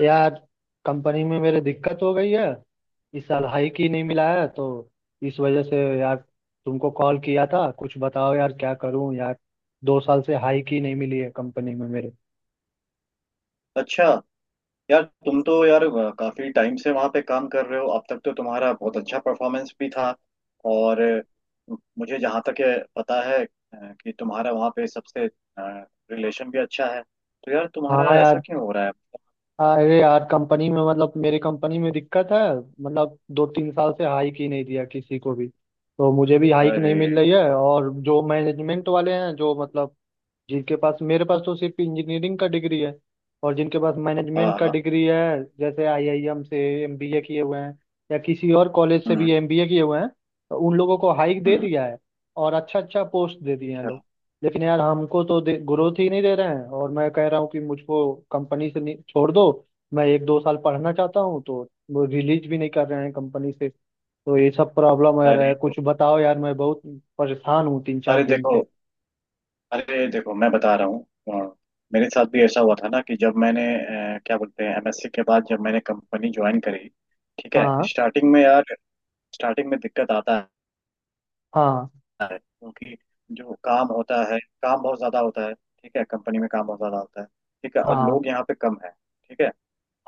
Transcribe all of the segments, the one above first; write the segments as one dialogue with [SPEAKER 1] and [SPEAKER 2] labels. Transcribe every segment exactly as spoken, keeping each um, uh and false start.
[SPEAKER 1] यार, कंपनी में मेरे दिक्कत हो गई है। इस साल हाइक ही नहीं मिला है तो इस वजह से यार तुमको कॉल किया था। कुछ बताओ यार, क्या करूं यार। दो साल से हाइक ही नहीं मिली है कंपनी में मेरे।
[SPEAKER 2] अच्छा। यार तुम तो यार अ, काफी टाइम से वहां पे काम कर रहे हो, अब तक तो तुम्हारा बहुत अच्छा परफॉर्मेंस भी था। और अ, मुझे जहाँ तक है, पता है अ, कि तुम्हारा वहाँ पे सबसे रिलेशन भी अच्छा है। तो यार तुम्हारा
[SPEAKER 1] हाँ
[SPEAKER 2] ऐसा
[SPEAKER 1] यार।
[SPEAKER 2] क्यों हो रहा है?
[SPEAKER 1] अरे यार, कंपनी में मतलब मेरी कंपनी में दिक्कत है। मतलब दो तीन साल से हाइक ही नहीं दिया किसी को भी, तो मुझे भी हाइक
[SPEAKER 2] अरे।
[SPEAKER 1] नहीं मिल रही है। और जो मैनेजमेंट वाले हैं जो मतलब जिनके पास, मेरे पास तो सिर्फ इंजीनियरिंग का डिग्री है, और जिनके पास
[SPEAKER 2] हाँ
[SPEAKER 1] मैनेजमेंट का
[SPEAKER 2] हाँ।
[SPEAKER 1] डिग्री है, जैसे आई आई एम से एम बी ए किए हुए हैं या किसी और कॉलेज से
[SPEAKER 2] हम्म।
[SPEAKER 1] भी एम बी ए किए हुए हैं, तो उन लोगों को हाइक दे
[SPEAKER 2] हम्म,
[SPEAKER 1] दिया है और अच्छा अच्छा पोस्ट दे दिए हैं
[SPEAKER 2] अच्छा।
[SPEAKER 1] लोग। लेकिन यार हमको तो ग्रोथ ही नहीं दे रहे हैं। और मैं कह रहा हूँ कि मुझको कंपनी से नहीं छोड़ दो, मैं एक दो साल पढ़ना चाहता हूँ, तो वो रिलीज भी नहीं कर रहे हैं कंपनी से। तो ये सब प्रॉब्लम आ रहा
[SPEAKER 2] अरे।
[SPEAKER 1] है। कुछ बताओ यार, मैं बहुत परेशान हूँ तीन चार
[SPEAKER 2] अरे
[SPEAKER 1] दिन
[SPEAKER 2] देखो
[SPEAKER 1] से।
[SPEAKER 2] अरे देखो मैं बता रहा हूँ अ, मेरे साथ भी ऐसा हुआ था ना, कि जब मैंने अ, क्या बोलते हैं एमएससी के बाद जब मैंने कंपनी ज्वाइन करी। ठीक है,
[SPEAKER 1] हाँ।
[SPEAKER 2] स्टार्टिंग में यार स्टार्टिंग में दिक्कत आता
[SPEAKER 1] हाँ।
[SPEAKER 2] है, क्योंकि जो काम होता है काम बहुत ज्यादा होता है। ठीक है, कंपनी में काम बहुत ज्यादा होता है। ठीक है, और
[SPEAKER 1] हाँ।
[SPEAKER 2] लोग यहाँ पे कम है। ठीक है,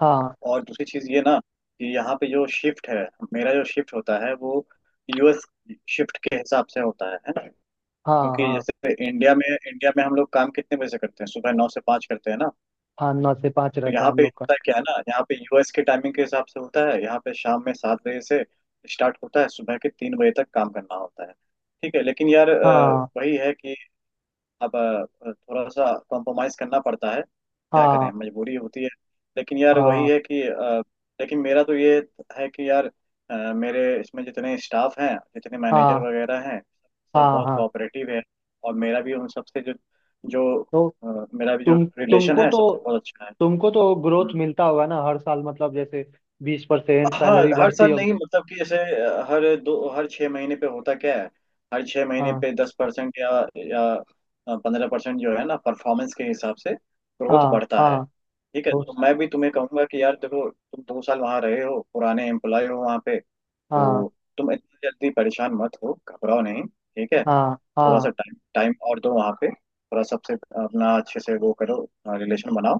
[SPEAKER 1] हाँ।
[SPEAKER 2] और दूसरी चीज ये ना, कि यहाँ पे जो शिफ्ट है, मेरा जो शिफ्ट होता है वो यूएस शिफ्ट के हिसाब से होता है है ना?
[SPEAKER 1] हाँ।
[SPEAKER 2] क्योंकि
[SPEAKER 1] हाँ।
[SPEAKER 2] जैसे इंडिया में इंडिया में हम लोग काम कितने बजे से करते हैं, सुबह नौ से पाँच करते हैं ना।
[SPEAKER 1] हाँ, नौ से पाँच
[SPEAKER 2] तो
[SPEAKER 1] रहता है
[SPEAKER 2] यहाँ
[SPEAKER 1] हम
[SPEAKER 2] पे
[SPEAKER 1] लोग का।
[SPEAKER 2] होता है क्या है ना, यहाँ पे यूएस के टाइमिंग के हिसाब से होता है, यहाँ पे शाम में सात बजे से स्टार्ट होता है, सुबह के तीन बजे तक काम करना होता है। ठीक है लेकिन यार अ,
[SPEAKER 1] हाँ।
[SPEAKER 2] वही है कि अब अ, थोड़ा सा कॉम्प्रोमाइज करना पड़ता है, क्या
[SPEAKER 1] हाँ।
[SPEAKER 2] करें मजबूरी होती है। लेकिन यार वही
[SPEAKER 1] हाँ।
[SPEAKER 2] है कि अ, लेकिन मेरा तो ये है कि यार अ, मेरे इसमें जितने स्टाफ हैं जितने मैनेजर
[SPEAKER 1] हाँ।
[SPEAKER 2] वगैरह हैं, सब
[SPEAKER 1] हाँ।
[SPEAKER 2] बहुत
[SPEAKER 1] हाँ।
[SPEAKER 2] कोऑपरेटिव है। और मेरा भी उन सबसे जो जो
[SPEAKER 1] तो
[SPEAKER 2] अ, मेरा भी जो
[SPEAKER 1] तुम
[SPEAKER 2] रिलेशन
[SPEAKER 1] तुमको
[SPEAKER 2] है
[SPEAKER 1] तो
[SPEAKER 2] सबसे बहुत अच्छा है।
[SPEAKER 1] तुमको तो ग्रोथ
[SPEAKER 2] हम्म।
[SPEAKER 1] मिलता होगा ना हर साल, मतलब जैसे बीस परसेंट
[SPEAKER 2] हाँ
[SPEAKER 1] सैलरी
[SPEAKER 2] हर
[SPEAKER 1] बढ़ती
[SPEAKER 2] साल नहीं,
[SPEAKER 1] होगी।
[SPEAKER 2] मतलब कि जैसे अ, हर दो हर छः महीने पे होता क्या है, हर छः महीने
[SPEAKER 1] हाँ।
[SPEAKER 2] पे दस परसेंट या या पंद्रह परसेंट जो है ना, परफॉर्मेंस के हिसाब से ग्रोथ
[SPEAKER 1] हाँ।
[SPEAKER 2] बढ़ता है।
[SPEAKER 1] हाँ।
[SPEAKER 2] ठीक है,
[SPEAKER 1] तो
[SPEAKER 2] तो मैं भी तुम्हें कहूंगा कि यार देखो, तुम दो साल वहाँ रहे हो, पुराने एम्प्लॉय हो वहाँ पे,
[SPEAKER 1] हाँ।
[SPEAKER 2] तो तुम इतना जल्दी परेशान मत हो, घबराओ नहीं। ठीक है,
[SPEAKER 1] हाँ।
[SPEAKER 2] थोड़ा
[SPEAKER 1] हाँ।
[SPEAKER 2] सा टाइम टाइम और दो वहाँ पे, थोड़ा सबसे अपना अच्छे से वो करो, रिलेशन बनाओ।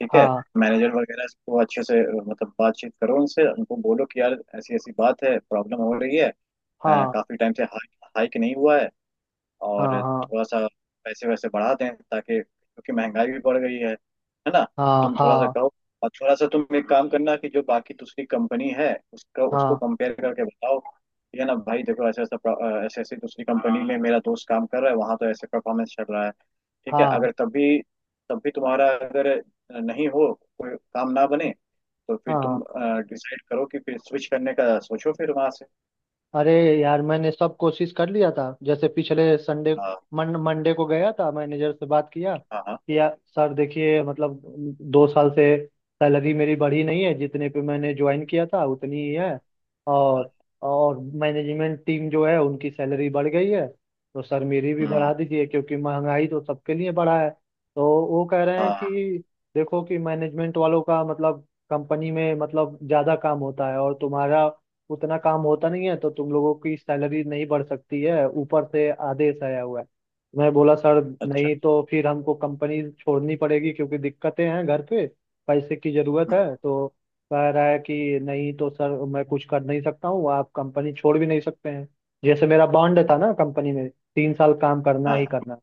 [SPEAKER 2] ठीक है,
[SPEAKER 1] हाँ।
[SPEAKER 2] मैनेजर वगैरह को अच्छे से अ, मतलब बातचीत करो उनसे, उनको बोलो कि यार ऐसी ऐसी बात है, प्रॉब्लम हो रही है, अ,
[SPEAKER 1] हाँ।
[SPEAKER 2] काफी टाइम से हाइक हाइक नहीं हुआ है, और
[SPEAKER 1] हाँ।
[SPEAKER 2] थोड़ा सा पैसे वैसे बढ़ा दें, ताकि क्योंकि महंगाई भी बढ़ गई है है ना?
[SPEAKER 1] हाँ।
[SPEAKER 2] तुम
[SPEAKER 1] हाँ।
[SPEAKER 2] थोड़ा सा
[SPEAKER 1] हाँ।
[SPEAKER 2] कहो। और थोड़ा सा तुम एक काम करना, कि जो बाकी दूसरी कंपनी है उसका उसको
[SPEAKER 1] हाँ।
[SPEAKER 2] कंपेयर करके बताओ, ठीक है ना भाई, देखो ऐसा ऐसा प्र- ऐसे ऐसी दूसरी कंपनी में मेरा दोस्त काम कर रहा है, वहां तो ऐसे परफॉर्मेंस चल रहा है। ठीक है,
[SPEAKER 1] हाँ।
[SPEAKER 2] अगर तब भी तब भी तुम्हारा अगर नहीं हो, कोई काम ना बने, तो फिर
[SPEAKER 1] हाँ।
[SPEAKER 2] तुम डिसाइड करो कि फिर स्विच करने का सोचो फिर वहां से।
[SPEAKER 1] अरे यार, मैंने सब कोशिश कर लिया था। जैसे पिछले संडे,
[SPEAKER 2] हाँ
[SPEAKER 1] मन मंडे को गया था, मैनेजर से बात किया
[SPEAKER 2] हाँ। हाँ
[SPEAKER 1] कि यार सर देखिए, मतलब दो साल से सैलरी मेरी बढ़ी नहीं है। जितने पे मैंने ज्वाइन किया था उतनी ही है।
[SPEAKER 2] हाँ।
[SPEAKER 1] और और मैनेजमेंट टीम जो है उनकी सैलरी बढ़ गई है, तो सर मेरी भी
[SPEAKER 2] हम्म।
[SPEAKER 1] बढ़ा दीजिए क्योंकि महंगाई तो सबके लिए बढ़ा है। तो वो कह रहे हैं
[SPEAKER 2] हाँ,
[SPEAKER 1] कि देखो कि मैनेजमेंट वालों का मतलब कंपनी में मतलब ज़्यादा काम होता है और तुम्हारा उतना काम होता नहीं है, तो तुम लोगों की सैलरी नहीं बढ़ सकती है, ऊपर से आदेश आया हुआ है। मैं बोला सर
[SPEAKER 2] अच्छा।
[SPEAKER 1] नहीं तो फिर हमको कंपनी छोड़नी पड़ेगी क्योंकि दिक्कतें हैं घर पे, पैसे की जरूरत
[SPEAKER 2] हम्म,
[SPEAKER 1] है। तो कह रहा है कि नहीं तो सर मैं कुछ कर नहीं सकता हूँ, आप कंपनी छोड़ भी नहीं सकते हैं, जैसे मेरा बॉन्ड था ना कंपनी में, तीन साल काम करना ही
[SPEAKER 2] हाँ।
[SPEAKER 1] करना।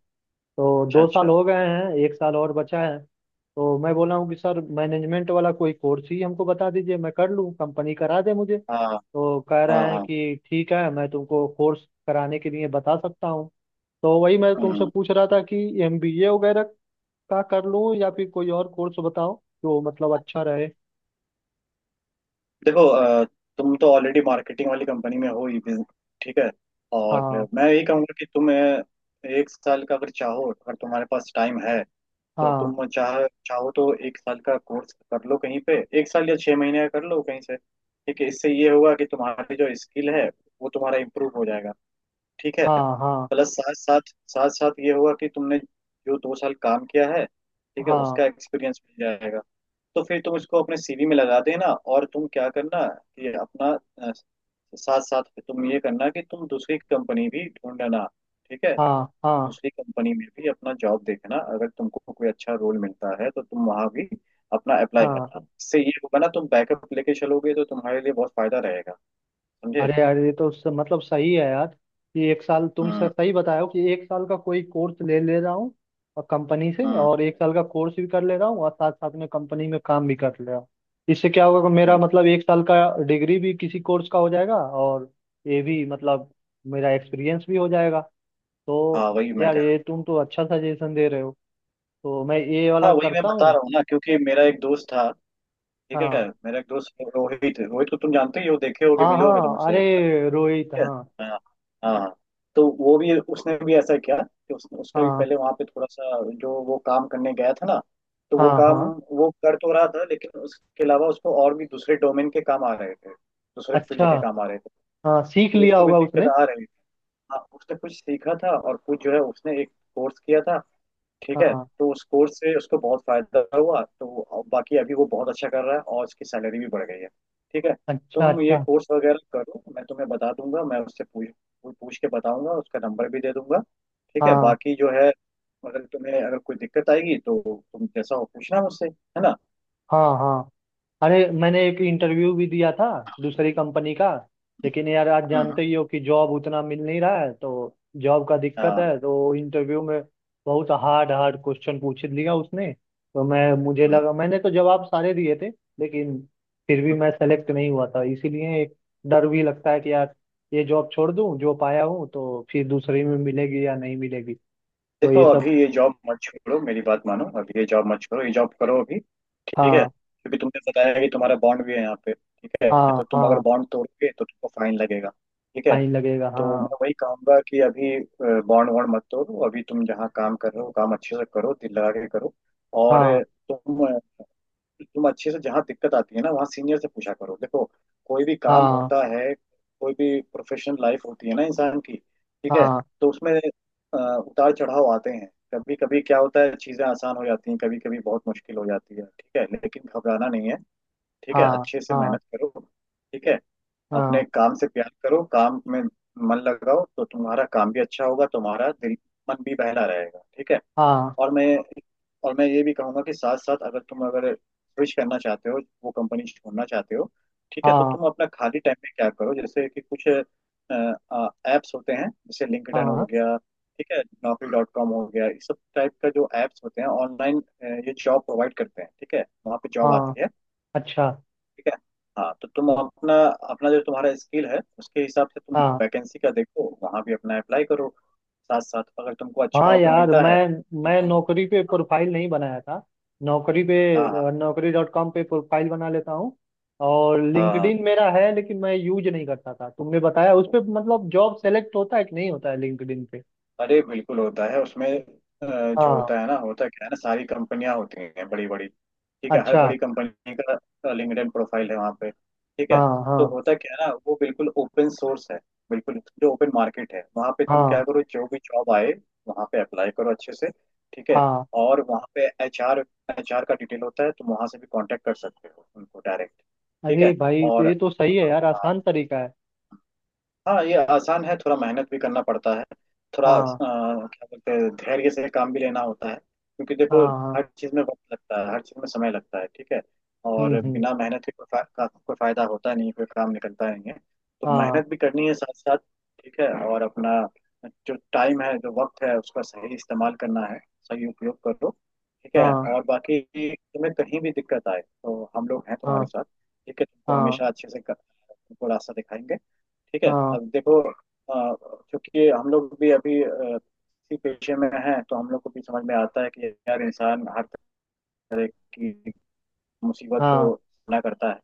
[SPEAKER 1] तो
[SPEAKER 2] अच्छा
[SPEAKER 1] दो साल
[SPEAKER 2] अच्छा।
[SPEAKER 1] हो गए हैं, एक साल और बचा है। तो मैं बोला हूँ कि सर मैनेजमेंट वाला कोई कोर्स ही हमको बता दीजिए, मैं कर लूँ, कंपनी करा दे मुझे।
[SPEAKER 2] हाँ
[SPEAKER 1] तो कह
[SPEAKER 2] हाँ
[SPEAKER 1] रहे हैं
[SPEAKER 2] हाँ।
[SPEAKER 1] कि ठीक है, मैं तुमको कोर्स कराने के लिए बता सकता हूँ। तो वही मैं तुमसे
[SPEAKER 2] हम्म।
[SPEAKER 1] पूछ रहा था कि एम बी ए वगैरह का कर लूँ, या फिर कोई और कोर्स बताओ जो मतलब अच्छा रहे।
[SPEAKER 2] देखो अ, तुम तो ऑलरेडी मार्केटिंग वाली कंपनी में हो ही बिज- ठीक है। और
[SPEAKER 1] हाँ।
[SPEAKER 2] मैं यही कहूँगा कि तुम अ, एक साल का अगर चाहो, अगर तुम्हारे पास टाइम है, तो
[SPEAKER 1] हाँ।
[SPEAKER 2] तुम चाह चाहो तो एक साल का कोर्स कर लो कहीं पे, एक साल या छह महीने का कर लो कहीं से। ठीक है, इससे ये होगा कि तुम्हारी जो स्किल है वो तुम्हारा इम्प्रूव हो जाएगा। ठीक है,
[SPEAKER 1] हाँ। हाँ।
[SPEAKER 2] प्लस साथ साथ साथ साथ ये होगा कि तुमने जो दो साल काम किया है, ठीक है,
[SPEAKER 1] हाँ।
[SPEAKER 2] उसका एक्सपीरियंस मिल जाएगा। तो फिर तुम इसको अपने सीवी में लगा देना। और तुम क्या करना कि अपना अ, साथ साथ में तुम ये करना कि तुम दूसरी कंपनी भी ढूंढना। ठीक है,
[SPEAKER 1] हाँ। हाँ।
[SPEAKER 2] दूसरी कंपनी में भी अपना जॉब देखना, अगर तुमको कोई अच्छा रोल मिलता है तो तुम वहां भी अपना अप्लाई
[SPEAKER 1] हाँ।
[SPEAKER 2] करना, इससे ये होगा ना तुम बैकअप लेके चलोगे तो तुम्हारे लिए बहुत फायदा रहेगा। समझे?
[SPEAKER 1] अरे यार, ये तो उससे मतलब सही है यार, कि एक साल तुम स-
[SPEAKER 2] हम्म।
[SPEAKER 1] सही बताए हो कि एक साल का कोई कोर्स ले ले रहा हूँ और कंपनी से
[SPEAKER 2] हम्म।
[SPEAKER 1] और एक साल का कोर्स भी कर ले रहा हूँ और साथ साथ में कंपनी में काम भी कर ले रहा हूँ। इससे क्या होगा कि मेरा
[SPEAKER 2] हम्म।
[SPEAKER 1] मतलब एक साल का डिग्री भी किसी कोर्स का हो जाएगा और ये भी मतलब मेरा एक्सपीरियंस भी हो जाएगा। तो
[SPEAKER 2] हाँ, वही मैं
[SPEAKER 1] यार
[SPEAKER 2] कह
[SPEAKER 1] ये तुम तो अच्छा सजेशन दे रहे हो, तो मैं ये
[SPEAKER 2] रहा
[SPEAKER 1] वाला
[SPEAKER 2] हाँ वही मैं
[SPEAKER 1] करता
[SPEAKER 2] बता
[SPEAKER 1] हूँ।
[SPEAKER 2] रहा हूँ ना, क्योंकि मेरा एक दोस्त था। ठीक है,
[SPEAKER 1] हाँ।
[SPEAKER 2] मेरा एक दोस्त रोहित, रोहित को तुम जानते ही हो, देखे होगे
[SPEAKER 1] हाँ
[SPEAKER 2] मिले होगे तुम
[SPEAKER 1] हाँ,
[SPEAKER 2] उससे है।
[SPEAKER 1] अरे रोहित
[SPEAKER 2] हाँ
[SPEAKER 1] हाँ।
[SPEAKER 2] हाँ हाँ। तो वो भी उसने भी ऐसा किया कि उस, उसका भी
[SPEAKER 1] हाँ।
[SPEAKER 2] पहले वहां पे थोड़ा सा जो वो काम करने गया था ना, तो वो
[SPEAKER 1] हाँ।
[SPEAKER 2] काम
[SPEAKER 1] हाँ।
[SPEAKER 2] वो कर तो रहा था, लेकिन उसके अलावा उसको और भी दूसरे डोमेन के काम आ रहे थे, दूसरे फील्ड
[SPEAKER 1] अच्छा।
[SPEAKER 2] के काम आ रहे थे,
[SPEAKER 1] हाँ, सीख
[SPEAKER 2] तो
[SPEAKER 1] लिया
[SPEAKER 2] उसको भी
[SPEAKER 1] होगा
[SPEAKER 2] दिक्कत
[SPEAKER 1] उसने।
[SPEAKER 2] आ रही थी। हाँ उसने कुछ सीखा था, और कुछ जो है उसने एक कोर्स किया था। ठीक है,
[SPEAKER 1] हाँ।
[SPEAKER 2] तो उस कोर्स से उसको बहुत फायदा हुआ, तो अब बाकी अभी वो बहुत अच्छा कर रहा है, और उसकी सैलरी भी बढ़ गई है। ठीक है,
[SPEAKER 1] अच्छा
[SPEAKER 2] तुम ये
[SPEAKER 1] अच्छा।
[SPEAKER 2] कोर्स वगैरह करो, मैं तुम्हें बता दूंगा, मैं उससे पूछ पूछ के बताऊंगा, उसका नंबर भी दे दूंगा। ठीक है,
[SPEAKER 1] हाँ।
[SPEAKER 2] बाकी जो है, अगर तुम्हें अगर कोई दिक्कत आएगी तो तुम जैसा हो पूछना मुझसे, है ना?
[SPEAKER 1] हाँ। हाँ। अरे, मैंने एक इंटरव्यू भी दिया था दूसरी कंपनी का, लेकिन यार आज
[SPEAKER 2] हम्म।
[SPEAKER 1] जानते ही हो कि जॉब उतना मिल नहीं रहा है, तो जॉब का दिक्कत है। तो इंटरव्यू में बहुत हार्ड हार्ड क्वेश्चन पूछ लिया उसने। तो मैं, मुझे
[SPEAKER 2] हाँ,
[SPEAKER 1] लगा मैंने तो जवाब सारे दिए थे, लेकिन फिर भी मैं सेलेक्ट नहीं हुआ था। इसीलिए एक डर भी लगता है कि यार, ये जॉब छोड़ दूं जो पाया हूँ, तो फिर दूसरी में मिलेगी या नहीं मिलेगी। तो
[SPEAKER 2] देखो
[SPEAKER 1] ये सब।
[SPEAKER 2] अभी ये जॉब मत छोड़ो, मेरी बात मानो, अभी ये जॉब मत छोड़ो, ये जॉब करो अभी। ठीक है,
[SPEAKER 1] हाँ।
[SPEAKER 2] क्योंकि तुमने बताया है कि तुम्हारा बॉन्ड भी है यहाँ पे। ठीक है,
[SPEAKER 1] हाँ।
[SPEAKER 2] तो तुम अगर
[SPEAKER 1] हाँ,
[SPEAKER 2] बॉन्ड तोड़ोगे तो तुमको फाइन लगेगा। ठीक है,
[SPEAKER 1] फाइन लगेगा
[SPEAKER 2] तो
[SPEAKER 1] हाँ।
[SPEAKER 2] मैं वही कहूंगा कि अभी बॉन्ड वॉन्ड मत तोड़ो, अभी तुम जहाँ काम कर रहे हो काम अच्छे से करो, दिल लगा के करो। और
[SPEAKER 1] हाँ।
[SPEAKER 2] तुम, कि तुम अच्छे से जहाँ दिक्कत आती है ना वहाँ सीनियर से पूछा करो। देखो कोई भी काम
[SPEAKER 1] हाँ।
[SPEAKER 2] होता है, कोई भी प्रोफेशनल लाइफ होती है ना इंसान की। ठीक है,
[SPEAKER 1] हाँ।
[SPEAKER 2] तो उसमें अ, उतार चढ़ाव आते हैं, कभी कभी क्या होता है चीजें आसान हो जाती हैं, कभी कभी बहुत मुश्किल हो जाती है। ठीक है लेकिन घबराना नहीं है। ठीक है,
[SPEAKER 1] हाँ।
[SPEAKER 2] अच्छे से
[SPEAKER 1] हाँ।
[SPEAKER 2] मेहनत करो। ठीक है, अपने
[SPEAKER 1] हाँ।
[SPEAKER 2] काम से प्यार करो, काम में मन लगाओ, तो तुम्हारा काम भी अच्छा होगा, तुम्हारा दिल मन भी बहला रहेगा। ठीक है,
[SPEAKER 1] हाँ।
[SPEAKER 2] और मैं और मैं ये भी कहूंगा कि साथ साथ अगर तुम अगर स्विच करना चाहते हो, वो कंपनी छोड़ना चाहते हो। ठीक है, तो
[SPEAKER 1] हाँ।
[SPEAKER 2] तुम अपना खाली टाइम में क्या करो, जैसे कि कुछ ऐप्स होते हैं, जैसे लिंक्डइन हो
[SPEAKER 1] हाँ।
[SPEAKER 2] गया। ठीक है, नौकरी डॉट कॉम हो गया, इस सब टाइप का जो एप्स होते हैं ऑनलाइन, ये जॉब प्रोवाइड करते हैं। ठीक है, वहाँ पे जॉब
[SPEAKER 1] हाँ।
[SPEAKER 2] आती है।
[SPEAKER 1] अच्छा।
[SPEAKER 2] ठीक है, हाँ, तो तुम अपना अपना जो तुम्हारा स्किल है उसके हिसाब से तुम
[SPEAKER 1] हाँ।
[SPEAKER 2] वैकेंसी का देखो, वहाँ भी अपना अप्लाई करो। साथ साथ अगर तुमको अच्छा
[SPEAKER 1] हाँ
[SPEAKER 2] ऑफर
[SPEAKER 1] यार,
[SPEAKER 2] मिलता
[SPEAKER 1] मैं
[SPEAKER 2] है तो
[SPEAKER 1] मैं
[SPEAKER 2] तुम हाँ
[SPEAKER 1] नौकरी पे प्रोफाइल नहीं बनाया था। नौकरी पे,
[SPEAKER 2] हाँ।
[SPEAKER 1] नौकरी डॉट कॉम पे प्रोफाइल बना लेता हूँ। और
[SPEAKER 2] हाँ,
[SPEAKER 1] लिंक्डइन मेरा है लेकिन मैं यूज नहीं करता था। तुमने बताया, उस पे मतलब जॉब सेलेक्ट होता है कि नहीं होता है लिंक्डइन पे?
[SPEAKER 2] अरे बिल्कुल होता है उसमें। अ, जो
[SPEAKER 1] हाँ।
[SPEAKER 2] होता है ना, होता क्या है ना, सारी कंपनियां होती हैं बड़ी बड़ी। ठीक है, हर
[SPEAKER 1] अच्छा।
[SPEAKER 2] बड़ी कंपनी का लिंक्डइन प्रोफाइल है वहाँ पे। ठीक है,
[SPEAKER 1] हाँ। हाँ।
[SPEAKER 2] तो होता क्या है ना, वो बिल्कुल ओपन सोर्स है, बिल्कुल जो ओपन मार्केट है वहाँ पे तुम
[SPEAKER 1] हाँ।
[SPEAKER 2] क्या करो, जो भी जॉब आए वहाँ पे अप्लाई करो अच्छे से। ठीक है,
[SPEAKER 1] हाँ।
[SPEAKER 2] और वहाँ पे एचआर एचआर का डिटेल होता है, तुम वहाँ से भी कांटेक्ट कर सकते हो उनको डायरेक्ट। ठीक
[SPEAKER 1] अरे
[SPEAKER 2] है,
[SPEAKER 1] भाई, तो
[SPEAKER 2] और
[SPEAKER 1] ये तो सही है
[SPEAKER 2] हाँ
[SPEAKER 1] यार,
[SPEAKER 2] हाँ,
[SPEAKER 1] आसान तरीका है।
[SPEAKER 2] हाँ ये आसान है, थोड़ा मेहनत भी करना पड़ता है। थोड़ा अ,
[SPEAKER 1] हाँ।
[SPEAKER 2] क्या बोलते हैं धैर्य से काम भी लेना होता है, क्योंकि
[SPEAKER 1] हाँ।
[SPEAKER 2] देखो
[SPEAKER 1] हाँ।
[SPEAKER 2] हर चीज़ में वक्त लगता है, हर चीज़ में समय लगता है। ठीक है,
[SPEAKER 1] हम्म।
[SPEAKER 2] और
[SPEAKER 1] हम्म।
[SPEAKER 2] बिना मेहनत के कोई फा, का, कोई फायदा होता नहीं, कोई काम निकलता नहीं है। तो
[SPEAKER 1] हाँ।
[SPEAKER 2] मेहनत भी करनी है साथ साथ। ठीक है, और अपना जो टाइम है जो वक्त है उसका सही इस्तेमाल करना है, सही उपयोग करो। ठीक है,
[SPEAKER 1] हाँ।
[SPEAKER 2] और बाकी तुम्हें कहीं भी दिक्कत आए तो हम लोग हैं तुम्हारे
[SPEAKER 1] हाँ।
[SPEAKER 2] साथ। ठीक है, तुमको
[SPEAKER 1] हाँ।
[SPEAKER 2] हमेशा अच्छे से कर- तुमको रास्ता दिखाएंगे। ठीक है,
[SPEAKER 1] हाँ।
[SPEAKER 2] अब देखो अ, क्योंकि हम लोग भी अभी अ, इसी पेशे में हैं, तो हम लोग को भी समझ में आता है कि यार इंसान हर तरह की मुसीबत
[SPEAKER 1] हाँ।
[SPEAKER 2] को सामना करता है,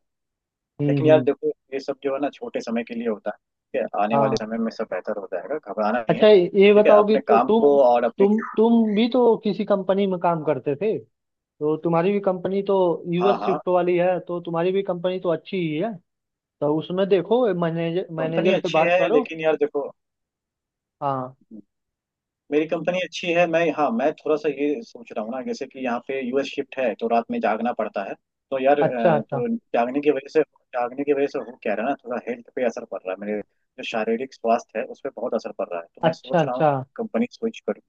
[SPEAKER 1] हम्म।
[SPEAKER 2] लेकिन यार
[SPEAKER 1] हम्म।
[SPEAKER 2] देखो ये सब जो है ना छोटे समय के लिए होता है। ठीक है, आने वाले
[SPEAKER 1] हाँ।
[SPEAKER 2] समय में सब बेहतर हो जाएगा, घबराना नहीं है।
[SPEAKER 1] अच्छा ये
[SPEAKER 2] ठीक है,
[SPEAKER 1] बताओ कि
[SPEAKER 2] अपने
[SPEAKER 1] तो
[SPEAKER 2] काम
[SPEAKER 1] तुम
[SPEAKER 2] को और अपने
[SPEAKER 1] तुम तुम भी तो किसी कंपनी में काम करते थे, तो तुम्हारी भी कंपनी तो यू एस
[SPEAKER 2] हाँ हाँ।
[SPEAKER 1] शिफ्ट वाली है, तो तुम्हारी भी कंपनी तो अच्छी ही है। तो उसमें देखो मैनेजर
[SPEAKER 2] कंपनी
[SPEAKER 1] मैनेजर से
[SPEAKER 2] अच्छी
[SPEAKER 1] बात
[SPEAKER 2] है
[SPEAKER 1] करो।
[SPEAKER 2] लेकिन यार देखो,
[SPEAKER 1] हाँ।
[SPEAKER 2] मेरी कंपनी अच्छी है, मैं हाँ मैं थोड़ा सा ये सोच रहा हूँ ना, जैसे कि यहाँ पे यूएस शिफ्ट है तो रात में जागना पड़ता है, तो यार
[SPEAKER 1] अच्छा
[SPEAKER 2] अ,
[SPEAKER 1] अच्छा।
[SPEAKER 2] तो जागने की वजह से जागने की वजह से हो क्या रहा है ना, थोड़ा हेल्थ पे असर पड़ रहा है, मेरे जो शारीरिक स्वास्थ्य है उस पर बहुत असर पड़ रहा है, तो मैं
[SPEAKER 1] अच्छा
[SPEAKER 2] सोच रहा हूँ
[SPEAKER 1] अच्छा।
[SPEAKER 2] कि कंपनी स्विच करूँ,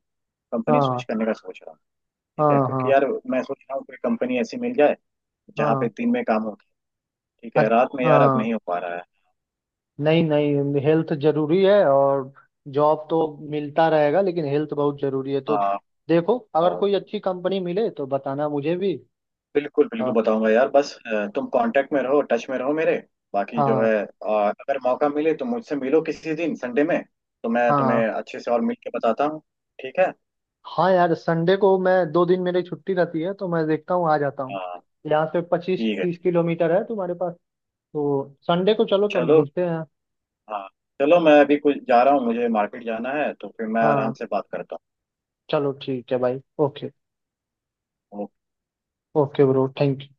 [SPEAKER 2] कंपनी स्विच
[SPEAKER 1] हाँ।
[SPEAKER 2] करने का सोच रहा हूँ। ठीक है,
[SPEAKER 1] हाँ।
[SPEAKER 2] क्योंकि
[SPEAKER 1] हाँ।
[SPEAKER 2] यार मैं सोच रहा हूँ कोई कंपनी ऐसी मिल जाए जहाँ पे
[SPEAKER 1] हाँ।
[SPEAKER 2] दिन में काम हो। ठीक है,
[SPEAKER 1] अच्छा।
[SPEAKER 2] रात में यार अब
[SPEAKER 1] हाँ।
[SPEAKER 2] नहीं हो पा रहा है।
[SPEAKER 1] नहीं नहीं, हेल्थ जरूरी है और जॉब तो मिलता रहेगा, लेकिन हेल्थ बहुत जरूरी है। तो
[SPEAKER 2] हाँ।
[SPEAKER 1] देखो अगर
[SPEAKER 2] और
[SPEAKER 1] कोई अच्छी कंपनी मिले तो बताना मुझे भी।
[SPEAKER 2] बिल्कुल बिल्कुल
[SPEAKER 1] हाँ।
[SPEAKER 2] बताऊंगा यार, बस अ, तुम कांटेक्ट में रहो, टच में रहो मेरे, बाकी जो
[SPEAKER 1] हाँ।
[SPEAKER 2] है अ, अगर मौका मिले तो मुझसे मिलो किसी दिन संडे में, तो मैं तुम्हें
[SPEAKER 1] हाँ।
[SPEAKER 2] अच्छे से और मिल के बताता हूँ। ठीक है।
[SPEAKER 1] हाँ यार, संडे को, मैं दो दिन मेरी छुट्टी रहती है तो मैं देखता हूँ, आ जाता हूँ।
[SPEAKER 2] हाँ
[SPEAKER 1] यहाँ से पच्चीस
[SPEAKER 2] ठीक है।
[SPEAKER 1] तीस
[SPEAKER 2] ठीक है।
[SPEAKER 1] किलोमीटर है तुम्हारे पास। तो संडे को चलो तो
[SPEAKER 2] चलो।
[SPEAKER 1] मिलते हैं।
[SPEAKER 2] हाँ चलो, मैं अभी कुछ जा रहा हूँ, मुझे मार्केट जाना है, तो फिर मैं आराम
[SPEAKER 1] हाँ।
[SPEAKER 2] से बात करता
[SPEAKER 1] चलो ठीक है भाई, ओके।
[SPEAKER 2] हूँ।
[SPEAKER 1] Okay bro, thank you.